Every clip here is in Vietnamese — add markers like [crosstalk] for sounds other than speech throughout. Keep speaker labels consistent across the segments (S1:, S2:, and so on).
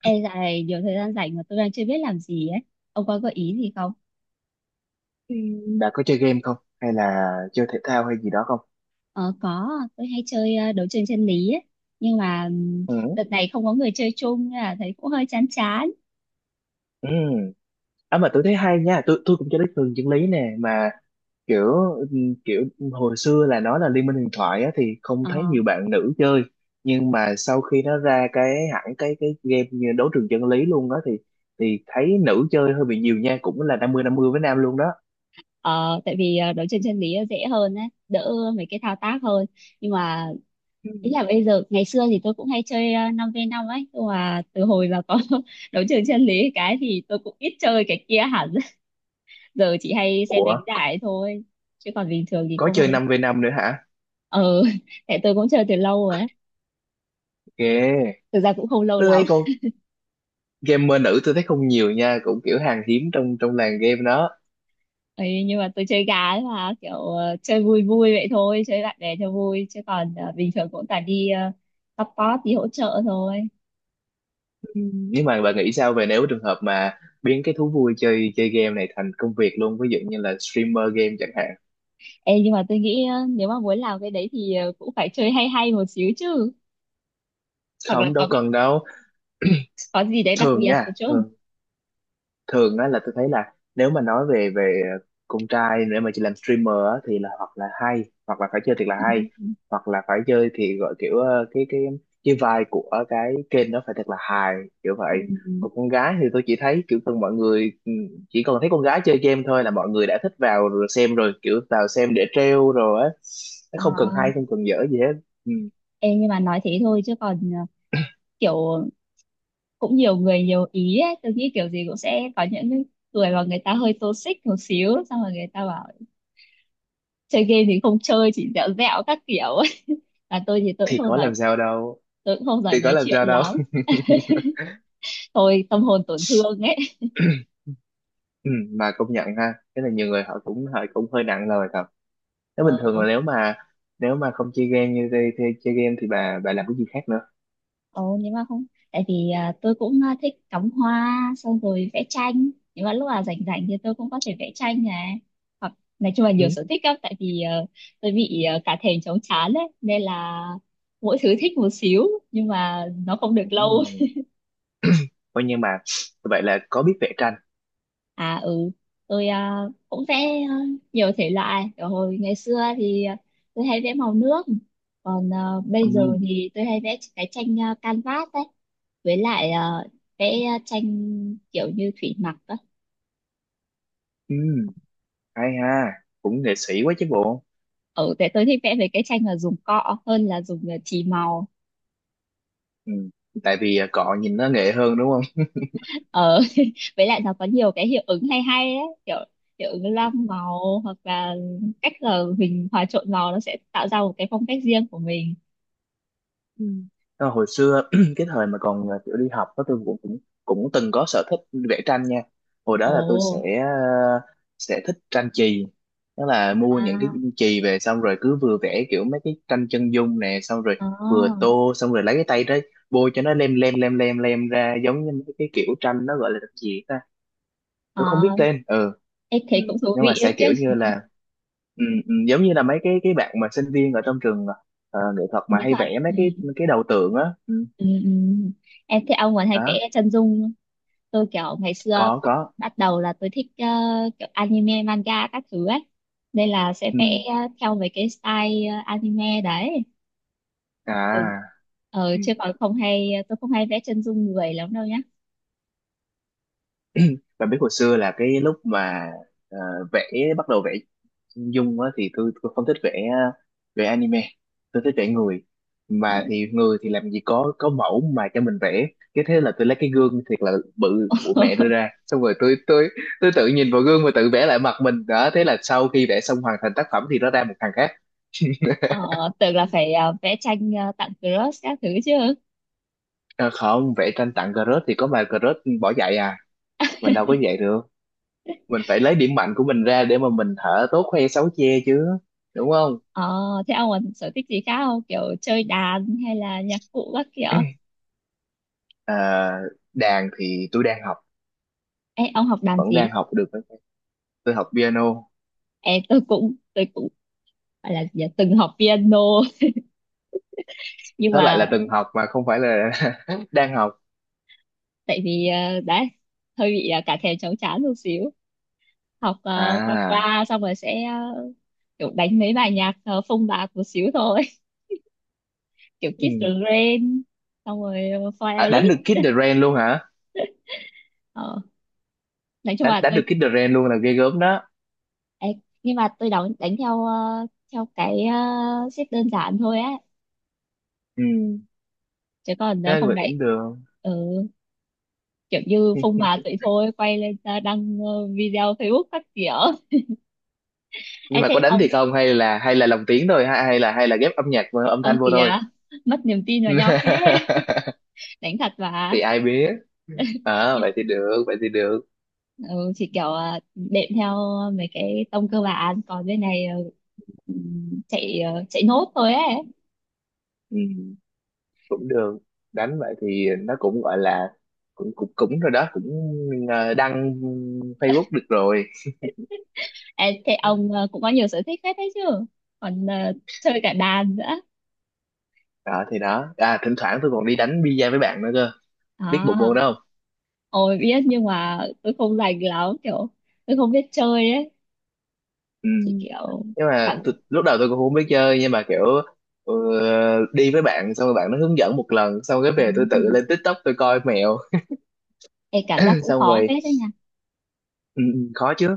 S1: Ê dạo này nhiều thời gian rảnh mà tôi đang chưa biết làm gì ấy. Ông có gợi ý gì không?
S2: Ừ. Bà có chơi game không? Hay là chơi thể thao hay gì đó không?
S1: Ờ có, tôi hay chơi đấu trường chân lý ấy. Nhưng mà
S2: Ừ.
S1: đợt này không có người chơi chung nên là thấy cũng hơi chán chán.
S2: Ừ. À mà tôi thấy hay nha, tôi cũng chơi đích thường chân lý nè, mà kiểu ừ, kiểu hồi xưa là nó là Liên minh huyền thoại á, thì không
S1: Ờ,
S2: thấy nhiều bạn nữ chơi, nhưng mà sau khi nó ra cái hẳn cái game như đấu trường chân lý luôn đó thì thấy nữ chơi hơi bị nhiều nha, cũng là 50-50 với nam luôn đó.
S1: ờ. Tại vì đấu trường chân lý dễ hơn ấy, đỡ mấy cái thao tác hơn. Nhưng mà
S2: Ừ.
S1: ý là bây giờ ngày xưa thì tôi cũng hay chơi 5v5 ấy, nhưng mà từ hồi mà có [laughs] đấu trường chân lý cái thì tôi cũng ít chơi cái kia hẳn. [laughs] Giờ chỉ hay xem
S2: Ủa,
S1: đánh giải thôi. Chứ còn bình thường thì
S2: có
S1: không
S2: chơi
S1: hay.
S2: 5v5 nữa hả?
S1: Ừ. [laughs] Tại tôi cũng chơi từ lâu rồi á.
S2: Ghê.
S1: Thực ra cũng không lâu
S2: Tôi
S1: lắm
S2: thấy con gamer nữ tôi thấy không nhiều nha, cũng kiểu hàng hiếm trong trong làng game đó.
S1: ấy, nhưng mà tôi chơi gà ấy mà kiểu chơi vui vui vậy thôi, chơi bạn bè cho vui, chứ còn bình thường cũng toàn đi support đi hỗ trợ thôi.
S2: Ừ, nếu mà bạn nghĩ sao về nếu trường hợp mà biến cái thú vui chơi chơi game này thành công việc luôn, ví dụ như là streamer game chẳng hạn.
S1: Ê, nhưng mà tôi nghĩ nếu mà muốn làm cái đấy thì cũng phải chơi hay hay một xíu chứ, hoặc là
S2: Không đâu,
S1: có
S2: cần đâu.
S1: có gì đấy đặc
S2: Thường
S1: biệt
S2: nha,
S1: một chút.
S2: thường thường á, là tôi thấy là nếu mà nói về về con trai để mà chị làm streamer á, thì là hoặc là hay, hoặc là phải chơi thiệt là
S1: Ừ.
S2: hay, hoặc là phải chơi thì gọi kiểu, cái cái vibe của cái kênh nó phải thật là hài, kiểu vậy.
S1: Ừ.
S2: Còn con gái thì tôi chỉ thấy kiểu thường mọi người, chỉ cần thấy con gái chơi game thôi là mọi người đã thích, vào rồi xem rồi, kiểu vào xem để trêu rồi á, nó
S1: Ờ.
S2: không cần hay không cần dở gì hết. Ừ.
S1: Ê, nhưng mà nói thế thôi chứ còn kiểu cũng nhiều người nhiều ý ấy. Tôi nghĩ kiểu gì cũng sẽ có những người mà người ta hơi toxic một xíu, xong rồi người ta bảo chơi game thì không chơi, chỉ dẻo dẻo các kiểu. [laughs] Là tôi thì tôi cũng
S2: Thì
S1: không
S2: có
S1: giỏi,
S2: làm sao đâu.
S1: tôi cũng không giỏi
S2: Thì có
S1: nói
S2: làm
S1: chuyện
S2: sao đâu.
S1: lắm, thôi tâm hồn tổn thương ấy.
S2: Ừ, mà công nhận ha, cái là nhiều người họ cũng hơi nặng lời thật. Nếu bình
S1: Ờ.
S2: thường là nếu mà không chơi game như thế, thế chơi game thì bà làm cái gì khác nữa.
S1: Ồ, nhưng mà không. Tại vì tôi cũng thích cắm hoa xong rồi vẽ tranh, nhưng mà lúc nào rảnh rảnh thì tôi cũng có thể vẽ tranh này, hoặc nói chung là
S2: Ừ.
S1: nhiều sở thích lắm. Tại vì tôi bị cả thèm chóng chán đấy nên là mỗi thứ thích một xíu, nhưng mà nó không được lâu.
S2: Ừ. Coi như mà vậy là có biết vẽ tranh.
S1: À ừ, tôi cũng vẽ ờ, nhiều thể loại. Kiểu hồi ngày xưa thì tôi hay vẽ màu nước, còn
S2: Ừ.
S1: bây giờ thì tôi hay vẽ cái tranh canvas đấy, với lại vẽ tranh kiểu như thủy mặc á.
S2: Ừ. Hay ha, cũng nghệ sĩ quá chứ bộ.
S1: Ừ, tại tôi thích vẽ về cái tranh là dùng cọ hơn là dùng chì màu.
S2: Ừ. Tại vì cọ nhìn nó nghệ hơn đúng không?
S1: Ờ. [laughs] Với lại nó có nhiều cái hiệu ứng hay hay ấy, kiểu hiệu ứng lam màu hoặc là cách là mình hòa trộn màu nó sẽ tạo ra một cái phong cách riêng của mình.
S2: Ừ. Ờ, hồi xưa [clears throat] cái thời mà còn kiểu đi học đó, tôi cũng cũng cũng từng có sở thích vẽ tranh nha. Hồi đó là tôi
S1: Ồ.
S2: sẽ thích tranh chì, đó là mua những cái
S1: À.
S2: chì về, xong rồi cứ vừa vẽ kiểu mấy cái tranh chân dung nè, xong rồi
S1: Ờ.
S2: vừa tô, xong rồi lấy cái tay đấy bôi cho nó lem lem lem lem lem ra, giống như mấy cái kiểu tranh, nó gọi là cái gì ta, tôi không biết
S1: ờ,
S2: tên. Ừ.
S1: em
S2: Ừ,
S1: thấy cũng thú
S2: nhưng mà
S1: vị
S2: sẽ kiểu
S1: đấy chứ.
S2: như là, giống như là mấy cái bạn mà sinh viên ở trong trường nghệ thuật mà
S1: Mỹ
S2: hay
S1: thuật.
S2: vẽ mấy
S1: Ừ,
S2: cái đầu tượng á, ừ,
S1: ừ, ừ. Em thấy ông còn hay
S2: đó.
S1: vẽ chân dung không? Tôi kiểu ngày xưa
S2: Có,
S1: bắt,
S2: có.
S1: bắt đầu là tôi thích kiểu anime, manga các thứ ấy. Nên là sẽ
S2: Ừ.
S1: vẽ theo mấy cái style anime đấy.
S2: À.
S1: Ừ. Ờ,
S2: Ừ.
S1: chứ còn không hay, tôi không hay vẽ chân dung người lắm đâu nhá.
S2: Bạn biết hồi xưa là cái lúc mà, ờ, vẽ bắt đầu vẽ dung á, thì tôi không thích vẽ vẽ anime, tôi thích vẽ người.
S1: Ồ.
S2: Mà thì người thì làm gì có mẫu mà cho mình vẽ, cái thế là tôi lấy cái gương thiệt là bự của mẹ đưa
S1: [laughs]
S2: ra, xong rồi tôi tự nhìn vào gương và tự vẽ lại mặt mình đó. Thế là sau khi vẽ xong hoàn thành tác phẩm thì nó ra một thằng khác. [laughs]
S1: Ờ, tưởng là phải vẽ tranh tặng crush các thứ chứ.
S2: Ờ, không, vẽ tranh tặng Garrot thì có mà Garrot bỏ dạy à, mình đâu có dạy được, mình phải lấy điểm mạnh của mình ra để mà mình hở, tốt khoe sáu che chứ đúng không?
S1: Ờ, thế ông còn sở thích gì khác không? Kiểu chơi đàn hay là nhạc cụ các kiểu?
S2: [clears throat] à, đàn thì tôi đang học,
S1: Ê, ông học đàn
S2: vẫn đang
S1: gì?
S2: học được, tôi học piano.
S1: Ê, tôi cũng phải là gì nhỉ? Từng học piano. [laughs] Nhưng
S2: Đó lại
S1: mà
S2: là từng học mà không phải là [laughs] đang học.
S1: tại vì đấy hơi bị cả thèm cháu chán một xíu, học qua
S2: À,
S1: qua xong rồi sẽ kiểu đánh mấy bài nhạc phông bạt một xíu thôi, [laughs] kiểu Kiss the
S2: ừ.
S1: Rain, xong rồi Fire
S2: À, đánh
S1: Elite.
S2: được Kid the Rain luôn hả?
S1: Ờ, nói chung
S2: đánh
S1: là
S2: đánh được
S1: tôi.
S2: Kid the Rain luôn là ghê gớm đó.
S1: Ê, nhưng mà tôi đánh đánh theo theo cái xếp đơn giản thôi á,
S2: Ừ.
S1: chứ còn
S2: Thế
S1: không
S2: vậy
S1: đánh.
S2: cũng được.
S1: Ừ, kiểu như phông má vậy thôi, quay lên ra đăng video Facebook các kiểu. Ê
S2: Nhưng mà
S1: thế
S2: có đánh thì
S1: ông,
S2: không, hay là lồng tiếng thôi, hay hay là ghép âm nhạc và âm
S1: ơ
S2: thanh vô
S1: kìa,
S2: thôi.
S1: mất niềm tin vào nhau thế. [laughs]
S2: [laughs]
S1: Đánh thật mà.
S2: Thì ai biết.
S1: Nhưng
S2: Vậy thì được, vậy thì được.
S1: ừ, chỉ kiểu đệm theo mấy cái tông cơ bản, còn bên này chạy nốt thôi ấy.
S2: Ừ. Cũng được, đánh vậy thì nó cũng gọi là, cũng cũng cũng rồi đó, cũng, đăng Facebook được rồi.
S1: Ê, thế ông cũng có nhiều sở thích hết đấy chứ, còn chơi cả đàn nữa.
S2: Đó thì đó, à, thỉnh thoảng tôi còn đi đánh bi-a với bạn nữa cơ, biết bộ môn
S1: À,
S2: đó không?
S1: ôi biết nhưng mà tôi không rành lắm, kiểu tôi không biết chơi ấy,
S2: Ừ.
S1: chỉ kiểu
S2: Nhưng mà
S1: cảm.
S2: lúc đầu tôi cũng không biết chơi, nhưng mà kiểu ờ, đi với bạn xong rồi bạn nó hướng dẫn một lần, xong cái về tôi tự
S1: Ừm.
S2: lên TikTok tôi coi mẹo.
S1: Ê, cảm giác
S2: [laughs]
S1: cũng
S2: Xong
S1: khó
S2: rồi
S1: phết đấy nha.
S2: ừ, khó chứ.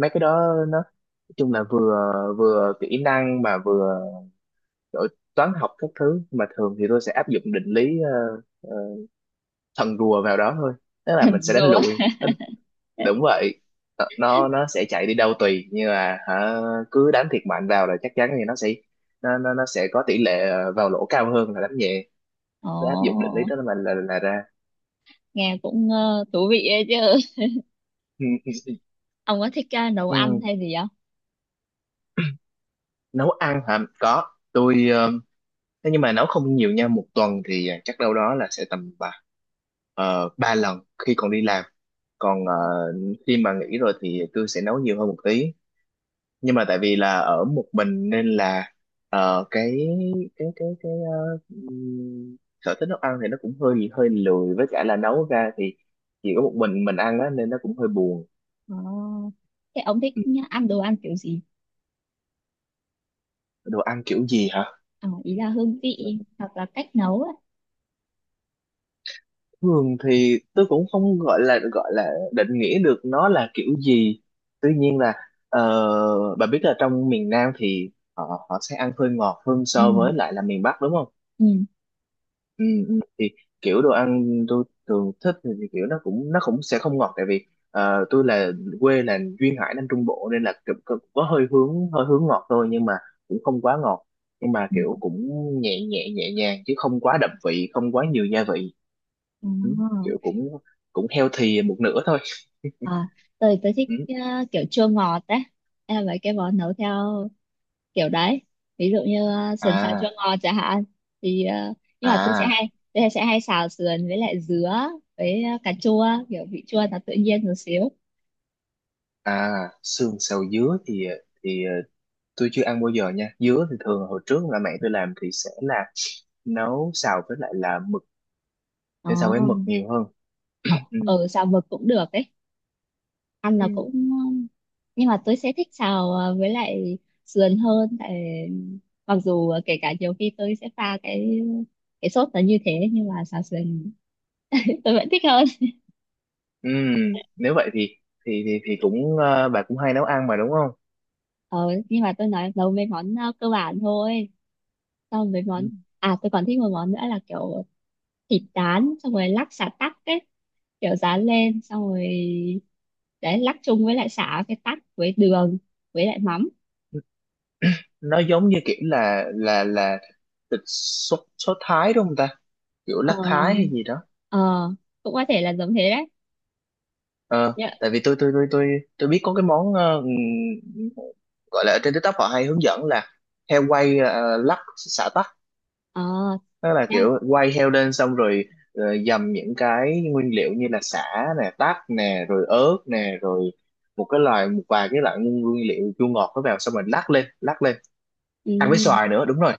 S2: Mấy cái đó nó nói chung là vừa vừa kỹ năng, mà vừa kiểu toán học các thứ, mà thường thì tôi sẽ áp dụng định lý thần rùa vào đó thôi, tức
S1: [laughs]
S2: là
S1: Hình
S2: mình sẽ đánh
S1: rùa.
S2: lụi. Nó- Đúng vậy. Ờ, nó sẽ chạy đi đâu tùy, nhưng mà hả, cứ đánh thiệt mạnh vào là chắc chắn thì nó sẽ có tỷ lệ vào lỗ cao hơn là đánh nhẹ.
S1: Ồ,
S2: Cứ áp dụng định lý đó mà là ra.
S1: nghe cũng thú vị ấy chứ.
S2: Ừ, ừ,
S1: Ông có thích nấu
S2: ừ.
S1: ăn hay gì không?
S2: Nấu ăn hả? Có, tôi, thế nhưng mà nấu không nhiều nha, một tuần thì chắc đâu đó là sẽ tầm ba lần khi còn đi làm. Còn khi mà nghỉ rồi thì tôi sẽ nấu nhiều hơn một tí, nhưng mà tại vì là ở một mình nên là ờ, cái cái sở thích nấu ăn thì nó cũng hơi hơi lười, với cả là nấu ra thì chỉ có một mình ăn á, nên nó cũng hơi buồn.
S1: Ồ, thế ông thích
S2: Ừ,
S1: ăn đồ ăn kiểu gì?
S2: đồ ăn kiểu gì hả?
S1: Ờ, ý là hương vị hoặc là cách nấu ấy.
S2: Thường thì tôi cũng không gọi là định nghĩa được nó là kiểu gì, tuy nhiên là, bà biết là trong miền Nam thì họ họ sẽ ăn hơi ngọt hơn
S1: Ừ,
S2: so với lại là miền Bắc đúng không?
S1: ừ,
S2: Ừ, ừ. Thì kiểu đồ ăn tôi thường thích thì kiểu nó cũng sẽ không ngọt, tại vì tôi là, quê là duyên hải Nam Trung Bộ, nên là cũng cũng có hơi hướng ngọt thôi, nhưng mà cũng không quá ngọt, nhưng mà
S1: ừ.
S2: kiểu cũng nhẹ nhẹ nhẹ nhàng, chứ không quá đậm vị, không quá nhiều gia vị. Ừ,
S1: Ồ,
S2: kiểu cũng cũng healthy một nửa thôi.
S1: à, tôi thích
S2: Ừ.
S1: kiểu chua ngọt đấy. Em mấy cái món nấu theo kiểu đấy. Ví dụ như sườn xào
S2: à
S1: chua ngọt chẳng hạn. Thì, nhưng mà tôi sẽ
S2: à
S1: hay tôi sẽ hay xào sườn với lại dứa với cà chua, kiểu vị chua nó tự nhiên một xíu.
S2: à, xương xào dứa thì tôi chưa ăn bao giờ nha. Dứa thì thường hồi trước là mẹ tôi làm thì sẽ là nấu xào với lại là mực,
S1: Ồ.
S2: thế sao với mực nhiều hơn.
S1: Ờ,
S2: Ừ.
S1: ừ, xào mực cũng được ấy, ăn là
S2: Ừ.
S1: cũng, nhưng mà tôi sẽ thích xào với lại sườn hơn, tại mặc dù kể cả nhiều khi tôi sẽ pha cái sốt nó như thế, nhưng mà xào sườn [laughs] tôi vẫn thích hơn.
S2: Ừ. Nếu vậy thì thì cũng, bà cũng hay nấu ăn mà đúng không?
S1: ờ, nhưng mà tôi nói nấu mấy món cơ bản thôi, xong mấy
S2: Ừ.
S1: món. À, tôi còn thích một món nữa là kiểu thịt rán xong rồi lắc xả tắc ấy, kiểu rán lên xong rồi đấy lắc chung với lại xả cái tắc với đường với lại mắm.
S2: Nó giống như kiểu là thịt sốt sốt Thái đúng không ta, kiểu
S1: Ờ.
S2: lát Thái hay gì đó.
S1: Ờ. Cũng có thể là giống thế đấy
S2: Ờ,
S1: nhá.
S2: tại vì tôi biết có cái món gọi là ở trên TikTok họ hay hướng dẫn là heo quay, lắc xả tắc.
S1: Ờ.
S2: Đó là
S1: Nha.
S2: kiểu quay heo lên, xong rồi dầm những cái nguyên liệu như là sả nè, tắc nè, rồi ớt nè, rồi một vài cái loại nguyên nguyên liệu chua ngọt nó vào, xong rồi lắc lên lắc lên, ăn với
S1: Ừ.
S2: xoài nữa, đúng rồi.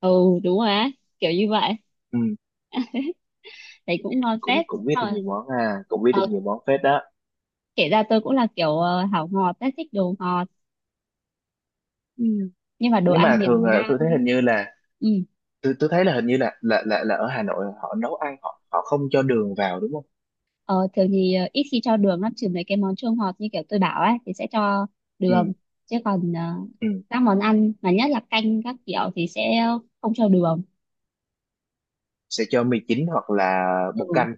S1: Ừ. Đúng rồi á, kiểu như vậy,
S2: Ừ,
S1: thấy cũng ngon
S2: cũng
S1: phết.
S2: cũng biết được
S1: Ờ.
S2: nhiều món, à cũng biết được
S1: Ờ.
S2: nhiều món phết đó.
S1: Kể ra tôi cũng là kiểu hảo ngọt ấy, thích đồ ngọt,
S2: Ừ.
S1: nhưng mà đồ
S2: Nhưng
S1: ăn
S2: mà thường
S1: miền
S2: là
S1: Nam.
S2: tôi thấy hình như là,
S1: Ừ.
S2: tôi thấy là hình như là ở Hà Nội họ nấu ăn, họ họ không cho đường vào đúng không?
S1: ờ, Thường thì ít khi cho đường lắm, trừ mấy cái món chua ngọt như kiểu tôi bảo ấy thì sẽ cho đường,
S2: Ừ,
S1: chứ còn
S2: ừ.
S1: các món ăn mà nhất là canh các kiểu thì sẽ không cho đường.
S2: Sẽ cho mì chính, hoặc là
S1: Ừ,
S2: bột canh.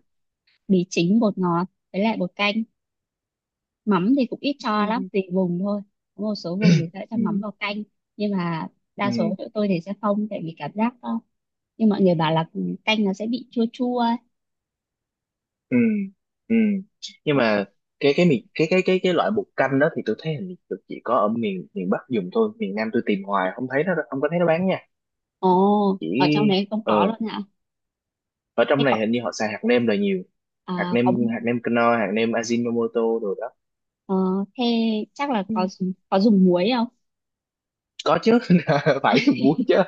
S1: mì chính bột ngọt với lại bột canh, mắm thì cũng ít cho
S2: Ừ,
S1: lắm,
S2: ừ,
S1: tùy vùng thôi. Có một số vùng thì sẽ cho
S2: ừ.
S1: mắm vào canh, nhưng mà đa
S2: Ừ.
S1: số tụi tôi thì sẽ không, tại vì cảm giác như mọi người bảo là canh nó sẽ bị chua chua ấy.
S2: Ừ ừ. Nhưng mà cái mì cái loại bột canh đó thì tôi thấy hình như được chỉ có ở miền miền Bắc dùng thôi, miền Nam tôi tìm hoài không thấy, nó không có thấy nó bán nha.
S1: Ồ,
S2: Chỉ
S1: ở trong đấy không có
S2: ờ
S1: luôn hả?
S2: ở
S1: Thế
S2: trong này
S1: có.
S2: hình như họ xài hạt nêm là nhiều. hạt
S1: À,
S2: nêm
S1: có.
S2: hạt nêm Knorr, hạt nêm Ajinomoto rồi đó.
S1: Ờ, thế chắc là có. Có dùng muối không?
S2: Có chứ [laughs] phải dùng muối chứ.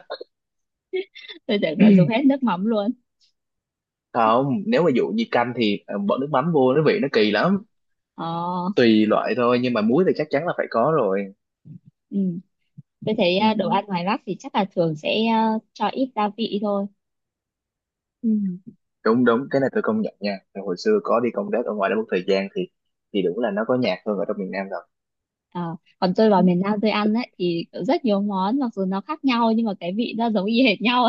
S1: [laughs] Tôi tưởng là dùng
S2: [clears throat]
S1: hết nước mắm luôn.
S2: Không, nếu mà dụ như canh thì bỏ nước mắm vô nó vị nó kỳ lắm,
S1: Ờ.
S2: tùy loại thôi, nhưng mà muối thì chắc chắn là phải có rồi.
S1: Ừ. Tôi thấy
S2: Ừ.
S1: đồ ăn ngoài Bắc thì chắc là thường sẽ cho ít gia vị thôi.
S2: Ừ. Đúng đúng, cái này tôi công nhận nha. Rồi hồi xưa có đi công tác ở ngoài đó một thời gian thì đúng là nó có nhạc hơn ở trong miền Nam rồi.
S1: Ờ, còn tôi vào miền Nam tôi ăn ấy thì rất nhiều món, mặc dù nó khác nhau nhưng mà cái vị nó giống y hệt nhau,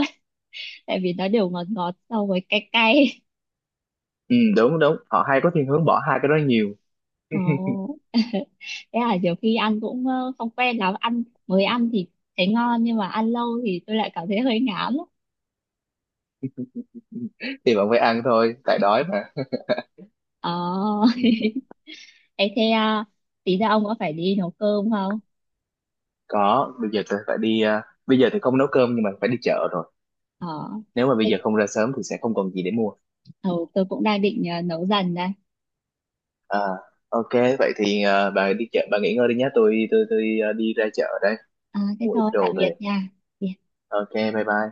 S1: tại vì nó đều ngọt ngọt so với cay cay.
S2: Ừ, đúng đúng, họ hay có thiên hướng bỏ hai cái đó nhiều.
S1: Ồ. [laughs] Thế là nhiều khi ăn cũng không quen lắm, ăn mới ăn thì thấy ngon nhưng mà ăn lâu thì tôi lại cảm thấy hơi ngán á.
S2: [laughs] Thì bạn phải ăn thôi tại đói mà.
S1: Ờ.
S2: Ừ.
S1: [laughs] thế thế à, tí nữa ông có phải đi nấu cơm không?
S2: Có, bây giờ tôi phải đi, bây giờ thì không nấu cơm nhưng mà phải đi chợ rồi.
S1: Ờ.
S2: Nếu mà bây
S1: Thế,
S2: giờ không ra sớm thì sẽ không còn gì để mua.
S1: ừ, tôi cũng đang định nấu dần đây.
S2: à, ok, vậy thì, bà đi chợ bà nghỉ ngơi đi nhé, tôi đi ra chợ đây,
S1: À, thế
S2: mua ít
S1: thôi tạm
S2: đồ
S1: biệt
S2: về.
S1: nha.
S2: Ok, bye bye.